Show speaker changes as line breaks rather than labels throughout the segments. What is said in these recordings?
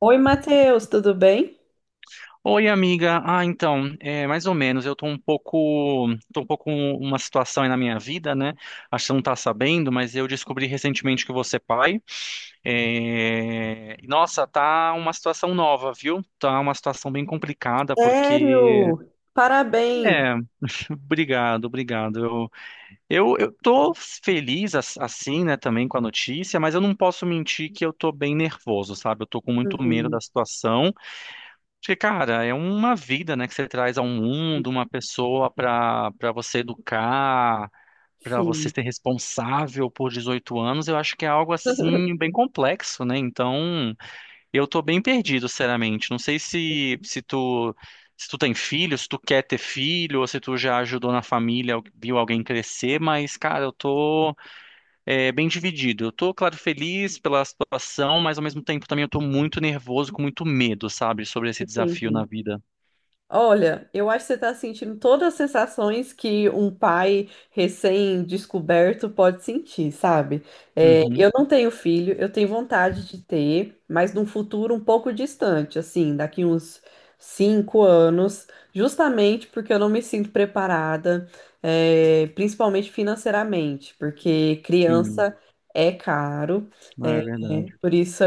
Oi, Matheus, tudo bem?
Oi, amiga. Mais ou menos. Eu tô um pouco com uma situação aí na minha vida, né? Acho que você não tá sabendo, mas eu descobri recentemente que você é pai. Nossa, tá uma situação nova, viu? Tá uma situação bem complicada, porque...
Sério? Parabéns.
É, obrigado, obrigado. Eu tô feliz, assim, né, também com a notícia, mas eu não posso mentir que eu tô bem nervoso, sabe? Eu tô com muito medo
Uhum.
da situação. Porque, cara, é uma vida, né, que você traz ao mundo, uma pessoa para você educar, para você
Sim.
ser responsável por 18 anos, eu acho que é algo assim bem complexo, né? Então, eu tô bem perdido, sinceramente. Não sei se tu se tu tem filho, se tu quer ter filho, ou se tu já ajudou na família, viu alguém crescer, mas, cara, bem dividido. Eu tô, claro, feliz pela situação, mas ao mesmo tempo também eu tô muito nervoso, com muito medo, sabe, sobre esse desafio na
Entendi.
vida.
Olha, eu acho que você está sentindo todas as sensações que um pai recém-descoberto pode sentir, sabe? É,
Uhum.
eu não tenho filho, eu tenho vontade de ter, mas num futuro um pouco distante, assim, daqui uns 5 anos, justamente porque eu não me sinto preparada, principalmente financeiramente, porque
Hum.
criança é caro.
Ah, é
É.
verdade.
Por isso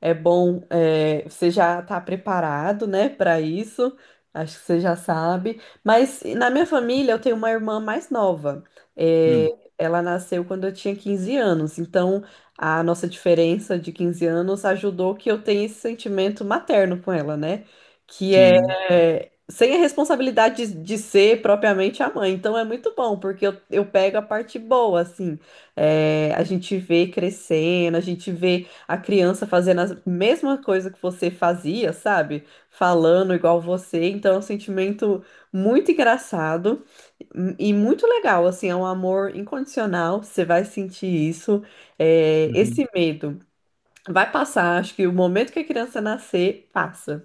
é bom, você já está preparado, né, para isso. Acho que você já sabe. Mas na minha família eu tenho uma irmã mais nova. É,
Hum.
ela nasceu quando eu tinha 15 anos. Então a nossa diferença de 15 anos ajudou que eu tenha esse sentimento materno com ela, né? Que
Sim.
é sem a responsabilidade de ser propriamente a mãe. Então é muito bom, porque eu pego a parte boa, assim. É, a gente vê crescendo, a gente vê a criança fazendo a mesma coisa que você fazia, sabe? Falando igual você. Então, é um sentimento muito engraçado e muito legal, assim, é um amor incondicional. Você vai sentir isso, é,
Uhum.
esse medo. Vai passar, acho que o momento que a criança nascer, passa.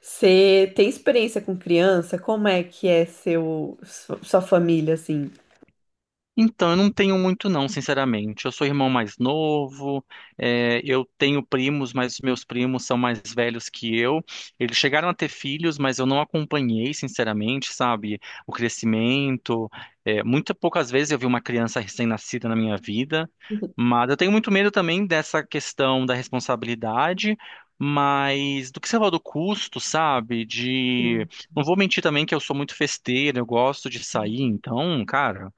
Você tem experiência com criança? Como é que é sua família, assim?
Então, eu não tenho muito não, sinceramente. Eu sou irmão mais novo, eu tenho primos, mas os meus primos são mais velhos que eu. Eles chegaram a ter filhos, mas eu não acompanhei, sinceramente, sabe, o crescimento. Muito poucas vezes eu vi uma criança recém-nascida na minha vida, mas eu tenho muito medo também dessa questão da responsabilidade. Mas do que você falou do custo, sabe? De. Não vou mentir também que eu sou muito festeiro, eu gosto de sair, então, cara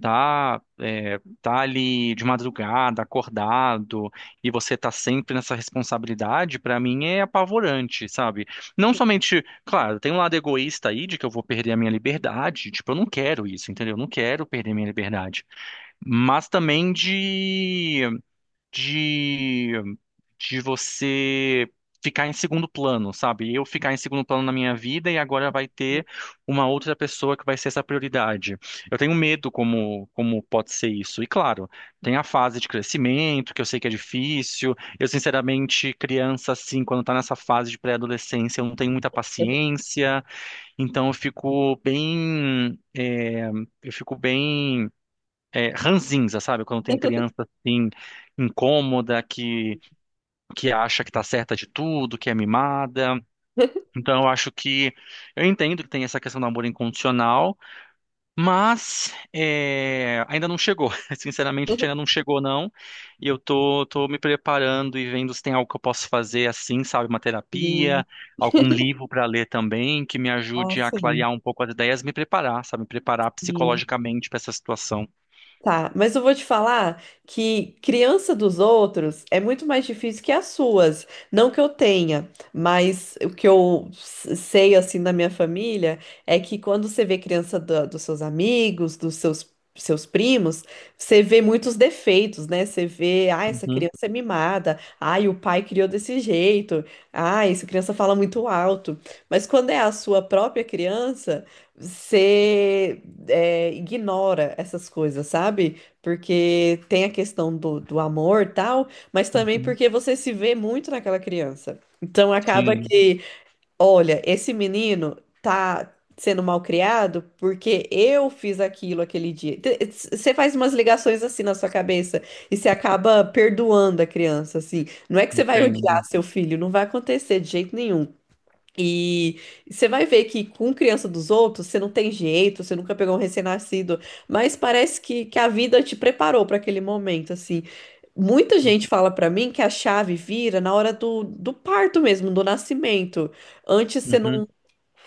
tá, tá ali de madrugada, acordado, e você tá sempre nessa responsabilidade, pra mim é apavorante, sabe? Não somente, claro, tem um lado egoísta aí de que eu vou perder a minha liberdade, tipo, eu não quero isso, entendeu? Eu não quero perder minha liberdade. Mas também de você ficar em segundo plano, sabe? Eu ficar em segundo plano na minha vida e agora vai ter uma outra pessoa que vai ser essa prioridade. Eu tenho medo como pode ser isso. E claro, tem a fase de crescimento, que eu sei que é difícil. Eu, sinceramente, criança assim, quando tá nessa fase de pré-adolescência, eu não tenho muita paciência, então eu fico bem ranzinza, sabe? Quando tem
Sim.
criança assim incômoda que acha que tá certa de tudo, que é mimada. Então eu acho que eu entendo que tem essa questão do amor incondicional, mas ainda não chegou. Sinceramente, ainda não chegou, não. E tô me preparando e vendo se tem algo que eu posso fazer assim, sabe? Uma
Sim.
terapia, algum livro para ler também, que me
Ah,
ajude a
sim.
clarear um pouco as ideias, me preparar, sabe? Me preparar
Sim.
psicologicamente para essa situação.
Tá, mas eu vou te falar que criança dos outros é muito mais difícil que as suas. Não que eu tenha, mas o que eu sei assim da minha família é que quando você vê criança dos seus amigos, seus primos, você vê muitos defeitos, né? Você vê, ah, essa
Uhum,
criança é mimada, ai, o pai criou desse jeito, ah, essa criança fala muito alto. Mas quando é a sua própria criança, você ignora essas coisas, sabe? Porque tem a questão do amor e tal, mas também
uhum.
porque você se vê muito naquela criança. Então acaba
Sim,
que, olha, esse menino tá sendo mal criado porque eu fiz aquilo aquele dia. Você faz umas ligações assim na sua cabeça e você acaba perdoando a criança, assim. Não é que você vai odiar
entendo.
seu filho, não vai acontecer de jeito nenhum. E você vai ver que com criança dos outros, você não tem jeito, você nunca pegou um recém-nascido, mas parece que a vida te preparou para aquele momento, assim. Muita gente fala para mim que a chave vira na hora do parto mesmo, do nascimento. Antes você
Uhum.
não,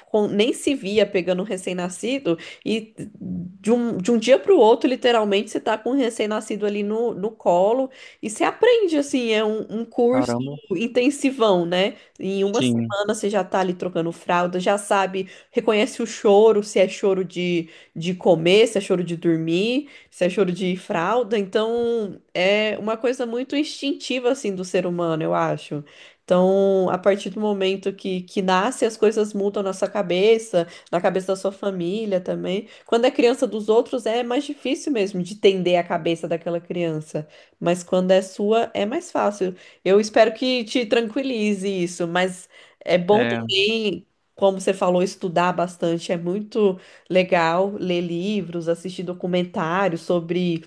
nem se via pegando um recém-nascido e de um dia para o outro, literalmente, você tá com um recém-nascido ali no colo e você aprende, assim, é um curso
Caramba.
intensivão, né? Em uma
Sim.
semana você já tá ali trocando fralda, já sabe, reconhece o choro, se é choro de comer, se é choro de dormir, se é choro de fralda. Então, é uma coisa muito instintiva, assim, do ser humano, eu acho. Então, a partir do momento que nasce, as coisas mudam na sua cabeça, na cabeça da sua família também. Quando é criança dos outros, é mais difícil mesmo de entender a cabeça daquela criança. Mas quando é sua, é mais fácil. Eu espero que te tranquilize isso, mas é bom
É.
também, como você falou, estudar bastante. É muito legal ler livros, assistir documentários sobre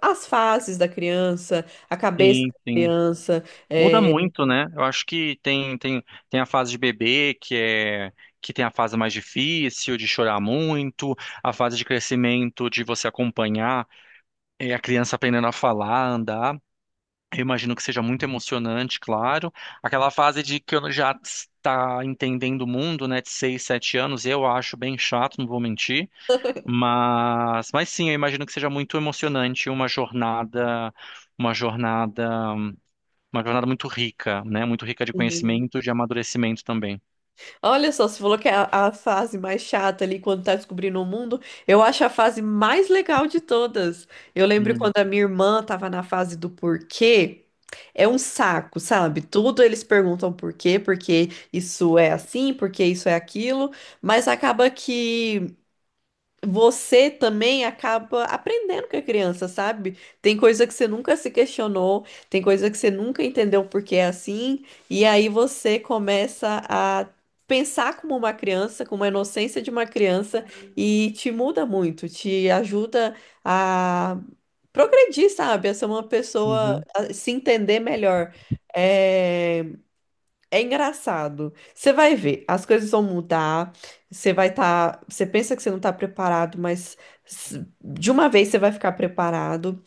as fases da criança, a cabeça
Sim,
da
sim.
criança.
Muda
é,
muito, né? Eu acho que tem a fase de bebê, que é que tem a fase mais difícil, de chorar muito, a fase de crescimento, de você acompanhar a criança aprendendo a falar, andar. Eu imagino que seja muito emocionante, claro. Aquela fase de que eu já está entendendo o mundo, né, de 6, 7 anos, eu acho bem chato, não vou mentir. Mas sim, eu imagino que seja muito emocionante uma jornada, uma jornada. Uma jornada muito rica, né? Muito rica de conhecimento, de amadurecimento também.
Olha só, você falou que é a fase mais chata ali quando tá descobrindo o mundo. Eu acho a fase mais legal de todas. Eu lembro
Hum,
quando a minha irmã tava na fase do porquê. É um saco, sabe? Tudo eles perguntam por quê, porque isso é assim, porque isso é aquilo, mas acaba que você também acaba aprendendo com a criança, sabe? Tem coisa que você nunca se questionou, tem coisa que você nunca entendeu por que é assim, e aí você começa a pensar como uma criança, com uma inocência de uma criança, e te muda muito, te ajuda a progredir, sabe? A ser uma pessoa,
uhum,
a se entender melhor. É, é engraçado. Você vai ver, as coisas vão mudar. Você vai estar. Você pensa que você não está preparado, mas de uma vez você vai ficar preparado.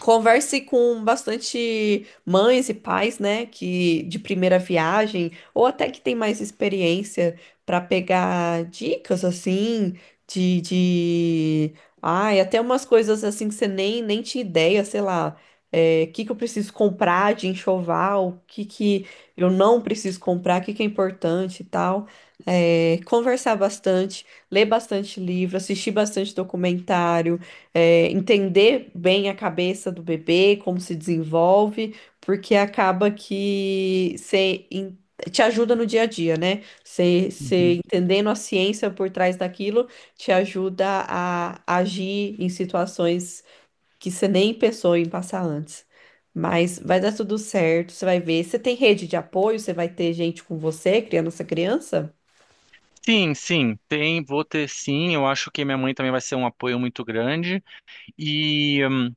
Converse com bastante mães e pais, né, que de primeira viagem ou até que tem mais experiência para pegar dicas assim de... Ai, até umas coisas assim que você nem tinha ideia, sei lá, o que que eu preciso comprar de enxoval, o que que eu não preciso comprar, o que que é importante e tal. É, conversar bastante, ler bastante livro, assistir bastante documentário, entender bem a cabeça do bebê, como se desenvolve, porque acaba que te ajuda no dia a dia, né? Você
uhum.
entendendo a ciência por trás daquilo te ajuda a agir em situações que você nem pensou em passar antes. Mas vai dar tudo certo, você vai ver. Você tem rede de apoio, você vai ter gente com você criando essa criança.
Sim, sim, tem, vou ter sim. Eu acho que minha mãe também vai ser um apoio muito grande. E hum,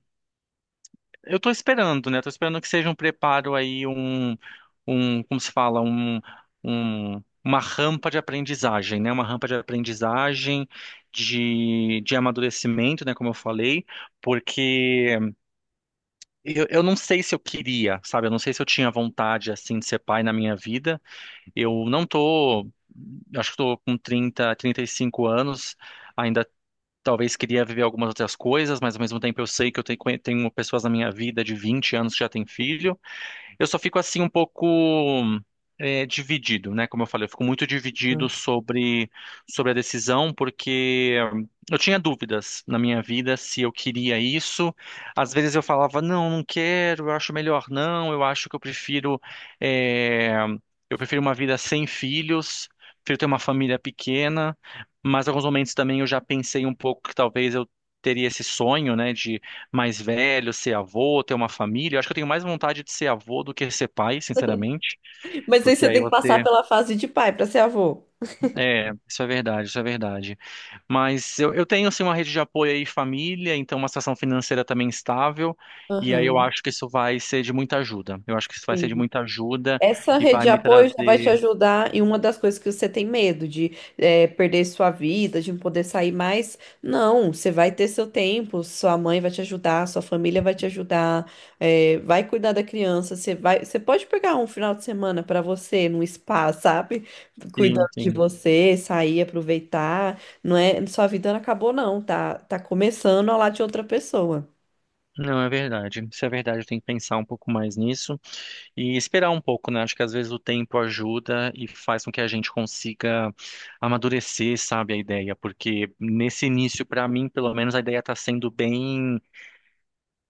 eu tô esperando, né? Tô esperando que seja um preparo aí, como se fala, um, uma rampa de aprendizagem, né? Uma rampa de aprendizagem, de amadurecimento, né? Como eu falei, porque eu não sei se eu queria, sabe? Eu não sei se eu tinha vontade, assim, de ser pai na minha vida. Eu não tô... eu acho que tô com 30, 35 anos. Ainda talvez queria viver algumas outras coisas, mas ao mesmo tempo eu sei que tenho pessoas na minha vida de 20 anos que já têm filho. Eu só fico assim um pouco dividido, né? Como eu falei, eu fico muito dividido sobre a decisão, porque eu tinha dúvidas na minha vida se eu queria isso. Às vezes eu falava, não, não quero, eu acho melhor não, eu acho que eu prefiro, é, eu prefiro uma vida sem filhos, prefiro ter uma família pequena, mas em alguns momentos também eu já pensei um pouco que talvez eu teria esse sonho, né? De mais velho, ser avô, ter uma família. Eu acho que eu tenho mais vontade de ser avô do que ser pai, sinceramente,
Mas aí
porque
você
aí
tem que passar
você.
pela fase de pai para ser avô.
É, isso é verdade. Mas eu tenho, assim, uma rede de apoio aí, família, então uma situação financeira também estável, e aí eu
Aham.
acho que isso vai ser de muita ajuda. Eu acho que isso vai ser de
Sim.
muita ajuda
Essa
e
rede
vai
de
me
apoio já vai te
trazer.
ajudar em uma das coisas que você tem medo, de perder sua vida, de não poder sair mais. Não, você vai ter seu tempo, sua mãe vai te ajudar, sua família vai te ajudar, vai cuidar da criança. Você vai, você pode pegar um final de semana para você, num spa, sabe?
Sim,
Cuidando de
sim.
você, sair, aproveitar. Não é, sua vida não acabou, não, tá? Tá começando a lá de outra pessoa.
Não, é verdade. Isso é verdade, eu tenho que pensar um pouco mais nisso e esperar um pouco, né? Acho que às vezes o tempo ajuda e faz com que a gente consiga amadurecer, sabe, a ideia, porque nesse início, para mim, pelo menos, a ideia está sendo bem.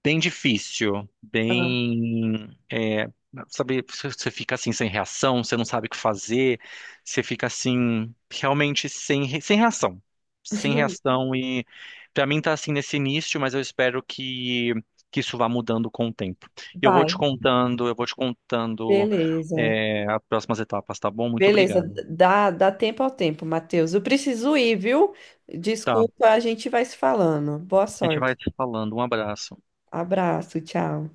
Bem difícil,
Ah,
bem, é, sabe, você fica assim sem reação, você não sabe o que fazer, você fica assim realmente sem reação, sem reação e pra mim tá assim nesse início, mas eu espero que isso vá mudando com o tempo. E
vai,
eu vou te contando
beleza.
as próximas etapas, tá bom? Muito
Beleza,
obrigado.
dá tempo ao tempo, Matheus. Eu preciso ir, viu?
Tá, a
Desculpa, a gente vai se falando. Boa
gente
sorte.
vai te falando. Um abraço.
Abraço, tchau.